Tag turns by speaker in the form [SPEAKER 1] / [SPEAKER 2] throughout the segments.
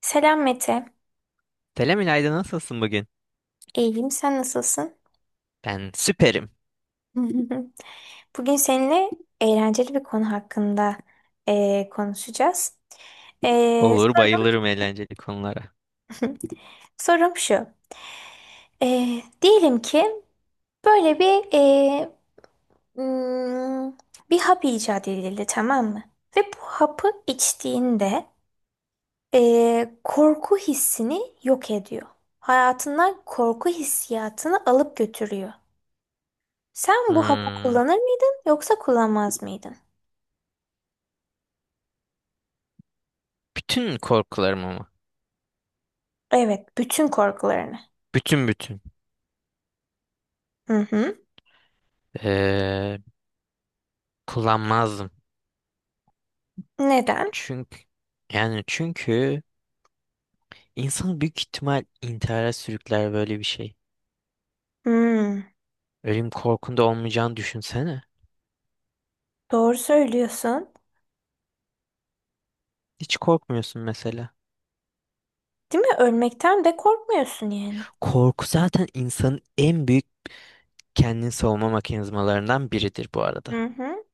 [SPEAKER 1] Selam Mete.
[SPEAKER 2] Selam İlayda, nasılsın bugün?
[SPEAKER 1] İyiyim, sen nasılsın?
[SPEAKER 2] Ben süperim.
[SPEAKER 1] Bugün seninle eğlenceli bir konu hakkında konuşacağız.
[SPEAKER 2] Olur,
[SPEAKER 1] Sorum,
[SPEAKER 2] bayılırım eğlenceli konulara.
[SPEAKER 1] sorum şu. Diyelim ki böyle hmm, bir hap icat edildi, tamam mı? Ve bu hapı içtiğinde korku hissini yok ediyor. Hayatından korku hissiyatını alıp götürüyor. Sen bu hapı
[SPEAKER 2] Hmm,
[SPEAKER 1] kullanır mıydın yoksa kullanmaz mıydın?
[SPEAKER 2] bütün korkularımı mı?
[SPEAKER 1] Evet, bütün korkularını.
[SPEAKER 2] Bütün bütün.
[SPEAKER 1] Hı hı.
[SPEAKER 2] Ee, Kullanmazdım.
[SPEAKER 1] Neden?
[SPEAKER 2] Çünkü çünkü insan büyük ihtimal intihara sürükler böyle bir şey.
[SPEAKER 1] Hmm,
[SPEAKER 2] Ölüm korkunda olmayacağını düşünsene.
[SPEAKER 1] doğru söylüyorsun.
[SPEAKER 2] Hiç korkmuyorsun mesela.
[SPEAKER 1] Değil mi? Ölmekten de korkmuyorsun yani.
[SPEAKER 2] Korku zaten insanın en büyük kendini savunma mekanizmalarından biridir bu arada.
[SPEAKER 1] Hı hı.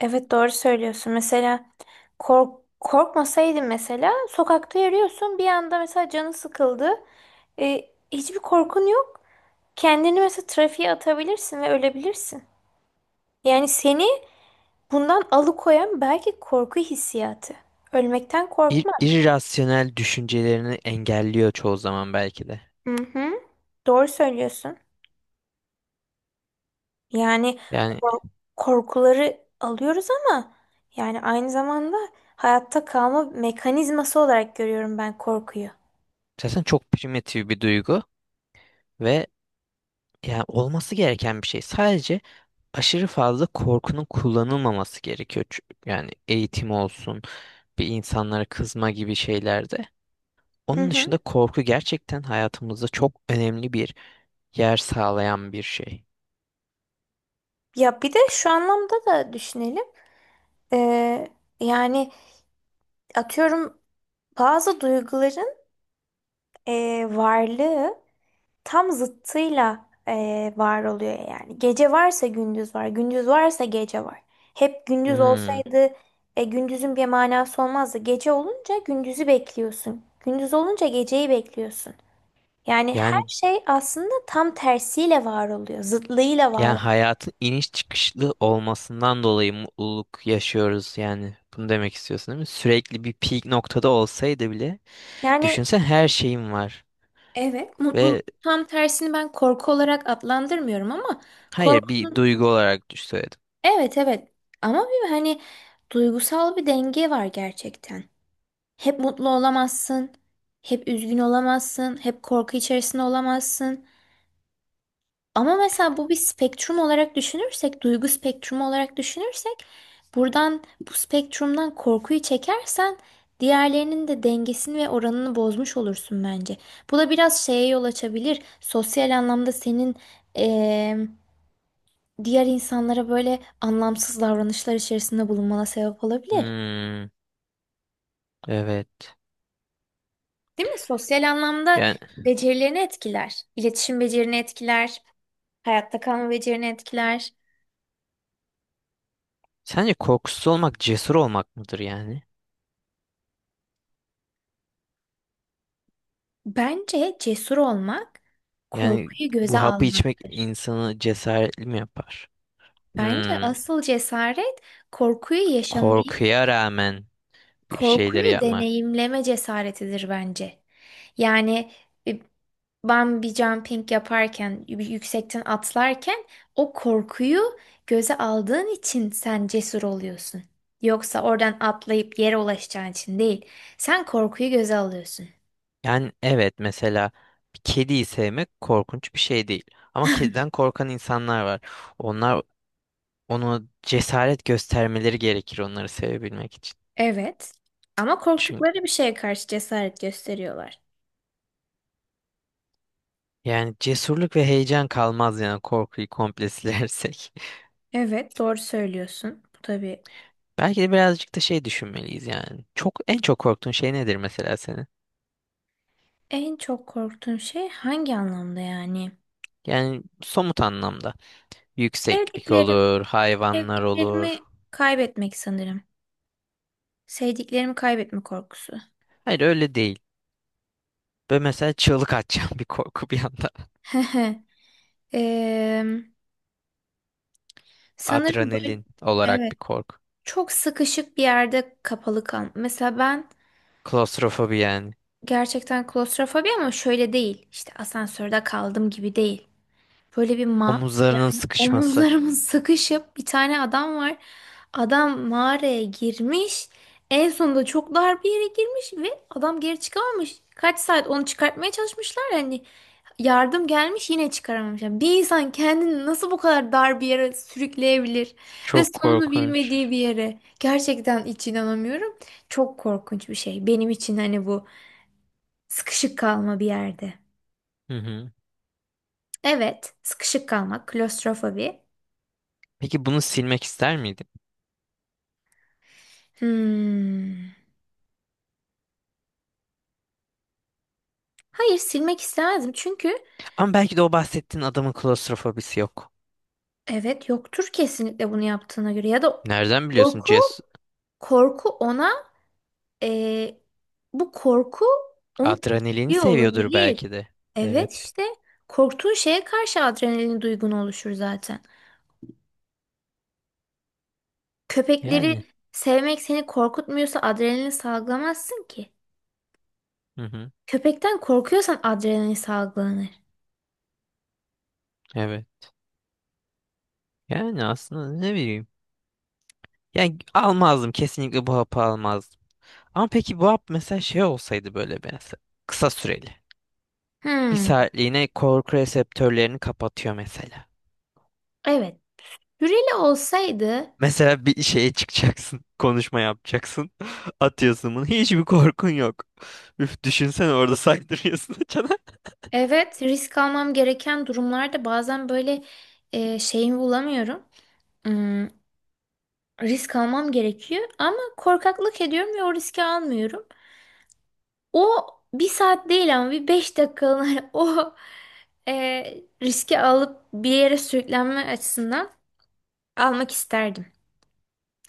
[SPEAKER 1] Evet, doğru söylüyorsun. Mesela korkmasaydın, mesela sokakta yürüyorsun, bir anda mesela canı sıkıldı. Hiçbir korkun yok. Kendini mesela trafiğe atabilirsin ve ölebilirsin. Yani seni bundan alıkoyan belki korku hissiyatı. Ölmekten
[SPEAKER 2] İr
[SPEAKER 1] korkma.
[SPEAKER 2] irrasyonel düşüncelerini engelliyor çoğu zaman belki de.
[SPEAKER 1] Hı hı. Doğru söylüyorsun. Yani
[SPEAKER 2] Yani
[SPEAKER 1] kor- korkuları alıyoruz ama yani aynı zamanda hayatta kalma mekanizması olarak görüyorum ben korkuyu.
[SPEAKER 2] zaten çok primitif bir duygu ve yani olması gereken bir şey. Sadece aşırı fazla korkunun kullanılmaması gerekiyor. Yani eğitim olsun, bir insanlara kızma gibi şeylerde.
[SPEAKER 1] Hı
[SPEAKER 2] Onun
[SPEAKER 1] hı.
[SPEAKER 2] dışında korku gerçekten hayatımızda çok önemli bir yer sağlayan bir şey.
[SPEAKER 1] Ya bir de şu anlamda da düşünelim. Ee, yani atıyorum, bazı duyguların varlığı tam zıttıyla var oluyor yani. Gece varsa gündüz var, gündüz varsa gece var. Hep gündüz
[SPEAKER 2] Hmm.
[SPEAKER 1] olsaydı gündüzün bir manası olmazdı. Gece olunca gündüzü bekliyorsun. Gündüz olunca geceyi bekliyorsun. Yani
[SPEAKER 2] Yani
[SPEAKER 1] her şey aslında tam tersiyle var oluyor, zıtlığıyla var
[SPEAKER 2] yani
[SPEAKER 1] oluyor.
[SPEAKER 2] hayatın iniş çıkışlı olmasından dolayı mutluluk yaşıyoruz yani. Bunu demek istiyorsun değil mi? Sürekli bir peak noktada olsaydı bile,
[SPEAKER 1] Yani,
[SPEAKER 2] düşünsen her şeyim var
[SPEAKER 1] evet, mutluluk
[SPEAKER 2] ve...
[SPEAKER 1] tam tersini ben korku olarak adlandırmıyorum, ama
[SPEAKER 2] Hayır, bir
[SPEAKER 1] korkunun,
[SPEAKER 2] duygu olarak düş söyledim.
[SPEAKER 1] evet, evet, ama bir, hani, duygusal bir denge var gerçekten. Hep mutlu olamazsın, hep üzgün olamazsın, hep korku içerisinde olamazsın. Ama mesela bu bir spektrum olarak düşünürsek, duygu spektrumu olarak düşünürsek, buradan, bu spektrumdan korkuyu çekersen diğerlerinin de dengesini ve oranını bozmuş olursun bence. Bu da biraz şeye yol açabilir. Sosyal anlamda senin eee, diğer insanlara böyle anlamsız davranışlar içerisinde bulunmana sebep olabilir.
[SPEAKER 2] Hmm, evet.
[SPEAKER 1] Değil mi? Sosyal anlamda
[SPEAKER 2] Yani
[SPEAKER 1] becerilerini etkiler. İletişim becerini etkiler. Hayatta kalma becerini etkiler.
[SPEAKER 2] sence korkusuz olmak cesur olmak mıdır yani?
[SPEAKER 1] Bence cesur olmak
[SPEAKER 2] Yani
[SPEAKER 1] korkuyu göze
[SPEAKER 2] bu hapı içmek
[SPEAKER 1] almaktır.
[SPEAKER 2] insanı cesaretli mi yapar?
[SPEAKER 1] Bence
[SPEAKER 2] Hmm,
[SPEAKER 1] asıl cesaret korkuyu yaşamayı
[SPEAKER 2] korkuya rağmen bir şeyleri
[SPEAKER 1] korkuyu
[SPEAKER 2] yapma.
[SPEAKER 1] deneyimleme cesaretidir bence. Yani e, ben bir jumping yaparken, bir yüksekten atlarken o korkuyu göze aldığın için sen cesur oluyorsun. Yoksa oradan atlayıp yere ulaşacağın için değil. Sen korkuyu göze alıyorsun.
[SPEAKER 2] Yani evet, mesela bir kediyi sevmek korkunç bir şey değil. Ama kediden korkan insanlar var. Onlar, onu cesaret göstermeleri gerekir onları sevebilmek
[SPEAKER 1] Evet. Ama
[SPEAKER 2] için.
[SPEAKER 1] korktukları bir şeye karşı cesaret gösteriyorlar.
[SPEAKER 2] Yani cesurluk ve heyecan kalmaz yani korkuyu komple silersek.
[SPEAKER 1] Evet, doğru söylüyorsun. Bu tabii
[SPEAKER 2] Belki de birazcık da şey düşünmeliyiz yani. Çok, en çok korktuğun şey nedir mesela senin?
[SPEAKER 1] en çok korktuğun şey hangi anlamda yani?
[SPEAKER 2] Yani somut anlamda. Yükseklik
[SPEAKER 1] Sevdiklerin
[SPEAKER 2] olur, hayvanlar olur.
[SPEAKER 1] Sevdiklerimi kaybetmek sanırım. Sevdiklerimi kaybetme korkusu.
[SPEAKER 2] Hayır, öyle değil. Böyle mesela çığlık atacağım bir korku bir anda.
[SPEAKER 1] Eee, sanırım böyle,
[SPEAKER 2] Adrenalin olarak
[SPEAKER 1] evet,
[SPEAKER 2] bir korku.
[SPEAKER 1] çok sıkışık bir yerde kapalı kal. Mesela ben
[SPEAKER 2] Klostrofobi yani.
[SPEAKER 1] gerçekten klostrofobi, ama şöyle değil. İşte asansörde kaldım gibi değil. Böyle bir ma
[SPEAKER 2] Omuzlarının sıkışması.
[SPEAKER 1] Omuzlarımız sıkışıp, bir tane adam var. Adam mağaraya girmiş. En sonunda çok dar bir yere girmiş ve adam geri çıkamamış. Kaç saat onu çıkartmaya çalışmışlar. Yani yardım gelmiş, yine çıkaramamış. Yani bir insan kendini nasıl bu kadar dar bir yere sürükleyebilir ve
[SPEAKER 2] Çok
[SPEAKER 1] sonunu
[SPEAKER 2] korkunç.
[SPEAKER 1] bilmediği bir yere. Gerçekten hiç inanamıyorum. Çok korkunç bir şey. Benim için hani bu, sıkışık kalma bir yerde.
[SPEAKER 2] Hı hı.
[SPEAKER 1] Evet, sıkışık kalmak, klostrofobi.
[SPEAKER 2] Peki bunu silmek ister miydin?
[SPEAKER 1] Hmm. Hayır, silmek istemezdim, çünkü
[SPEAKER 2] Ama belki de o bahsettiğin adamın klostrofobisi yok.
[SPEAKER 1] evet, yoktur kesinlikle bunu yaptığına göre, ya da
[SPEAKER 2] Nereden biliyorsun?
[SPEAKER 1] korku korku ona e, bu korku onu
[SPEAKER 2] Adrenalini
[SPEAKER 1] tetikliyor
[SPEAKER 2] seviyordur
[SPEAKER 1] olabilir.
[SPEAKER 2] belki de. Evet.
[SPEAKER 1] Evet, işte korktuğun şeye karşı adrenalin duygun oluşur zaten. Köpekleri
[SPEAKER 2] Yani.
[SPEAKER 1] sevmek seni korkutmuyorsa adrenalin salgılamazsın ki.
[SPEAKER 2] Hı hı.
[SPEAKER 1] Köpekten korkuyorsan adrenalin salgılanır.
[SPEAKER 2] Evet. Yani aslında ne bileyim. Yani almazdım. Kesinlikle bu hapı almazdım. Ama peki bu hap mesela şey olsaydı böyle mesela. Kısa süreli. Bir
[SPEAKER 1] Hmm,
[SPEAKER 2] saatliğine korku reseptörlerini kapatıyor mesela.
[SPEAKER 1] evet. Hürele olsaydı.
[SPEAKER 2] Mesela bir şeye çıkacaksın. Konuşma yapacaksın. Atıyorsun bunu. Hiçbir korkun yok. Üf, düşünsene, orada saydırıyorsun açana.
[SPEAKER 1] Evet, risk almam gereken durumlarda bazen böyle şeyimi bulamıyorum. Hmm, risk almam gerekiyor ama korkaklık ediyorum ve o riski almıyorum. O bir saat değil ama bir beş dakikalığına e, riski alıp bir yere sürüklenme açısından almak isterdim.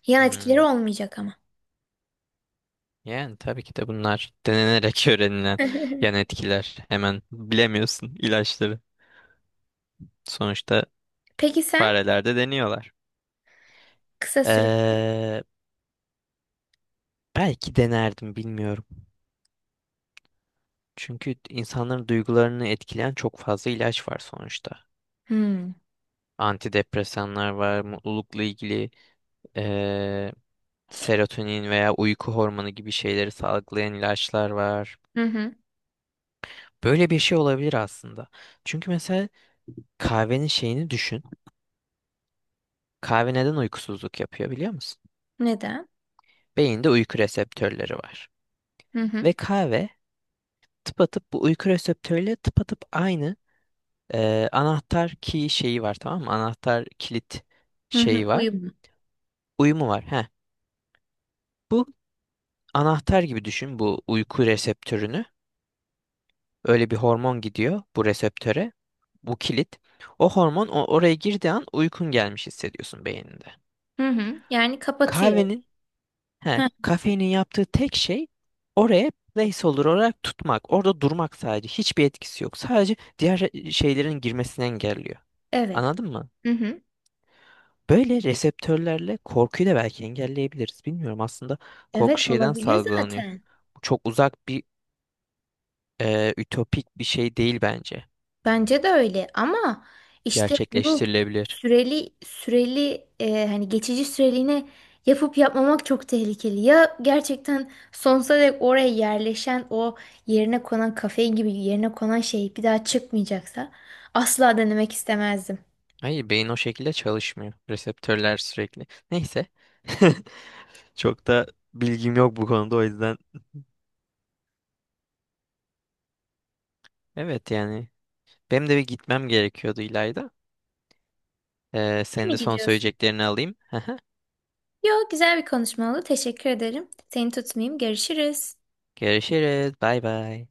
[SPEAKER 1] Yan etkileri
[SPEAKER 2] Hmm.
[SPEAKER 1] olmayacak ama.
[SPEAKER 2] Yani tabii ki de bunlar denenerek öğrenilen yan etkiler. Hemen bilemiyorsun ilaçları. Sonuçta
[SPEAKER 1] Peki sen,
[SPEAKER 2] farelerde deniyorlar.
[SPEAKER 1] kısa süre.
[SPEAKER 2] Ee, Belki denerdim, bilmiyorum. Çünkü insanların duygularını etkileyen çok fazla ilaç var sonuçta.
[SPEAKER 1] Hmm.
[SPEAKER 2] Antidepresanlar var, mutlulukla ilgili ee, serotonin veya uyku hormonu gibi şeyleri salgılayan ilaçlar var.
[SPEAKER 1] Hı hı.
[SPEAKER 2] Böyle bir şey olabilir aslında. Çünkü mesela kahvenin şeyini düşün. Kahve neden uykusuzluk yapıyor biliyor musun?
[SPEAKER 1] Neden?
[SPEAKER 2] Beyinde uyku reseptörleri var.
[SPEAKER 1] Hı hı.
[SPEAKER 2] Ve kahve tıpatıp bu uyku reseptörüyle tıpatıp aynı anahtar key şeyi var, tamam mı? Anahtar kilit
[SPEAKER 1] Hı hı.
[SPEAKER 2] şeyi var.
[SPEAKER 1] Uyum.
[SPEAKER 2] Uyumu var. Heh. Bu, anahtar gibi düşün bu uyku reseptörünü. Öyle bir hormon gidiyor bu reseptöre. Bu kilit. Oraya girdiği an uykun gelmiş hissediyorsun beyninde.
[SPEAKER 1] Hı hı. Yani kapatıyor.
[SPEAKER 2] Kahvenin... He,
[SPEAKER 1] Hı.
[SPEAKER 2] kafeinin yaptığı tek şey oraya placeholder olarak tutmak. Orada durmak sadece. Hiçbir etkisi yok. Sadece şeylerin girmesini engelliyor.
[SPEAKER 1] Evet.
[SPEAKER 2] Anladın mı?
[SPEAKER 1] Hı hı.
[SPEAKER 2] Böyle reseptörlerle korkuyu da belki engelleyebiliriz. Bilmiyorum aslında korku
[SPEAKER 1] Evet,
[SPEAKER 2] şeyden
[SPEAKER 1] olabilir
[SPEAKER 2] salgılanıyor.
[SPEAKER 1] zaten.
[SPEAKER 2] Bu çok uzak bir ütopik bir şey değil bence.
[SPEAKER 1] Bence de öyle, ama işte bunu
[SPEAKER 2] Gerçekleştirilebilir.
[SPEAKER 1] süreli hani geçici süreliğine yapıp yapmamak çok tehlikeli. Ya gerçekten sonsuza dek oraya yerleşen o, yerine konan kafein gibi yerine konan şey bir daha çıkmayacaksa asla denemek istemezdim.
[SPEAKER 2] Hayır, beyin o şekilde çalışmıyor. Reseptörler sürekli. Neyse. Çok da bilgim yok bu konuda o yüzden. Evet yani. Benim de bir gitmem gerekiyordu İlayda.
[SPEAKER 1] Değil
[SPEAKER 2] Senin
[SPEAKER 1] mi,
[SPEAKER 2] de son
[SPEAKER 1] gidiyorsun?
[SPEAKER 2] söyleyeceklerini alayım.
[SPEAKER 1] Yok, güzel bir konuşma oldu. Teşekkür ederim. Seni tutmayayım. Görüşürüz.
[SPEAKER 2] Görüşürüz. Bay bay.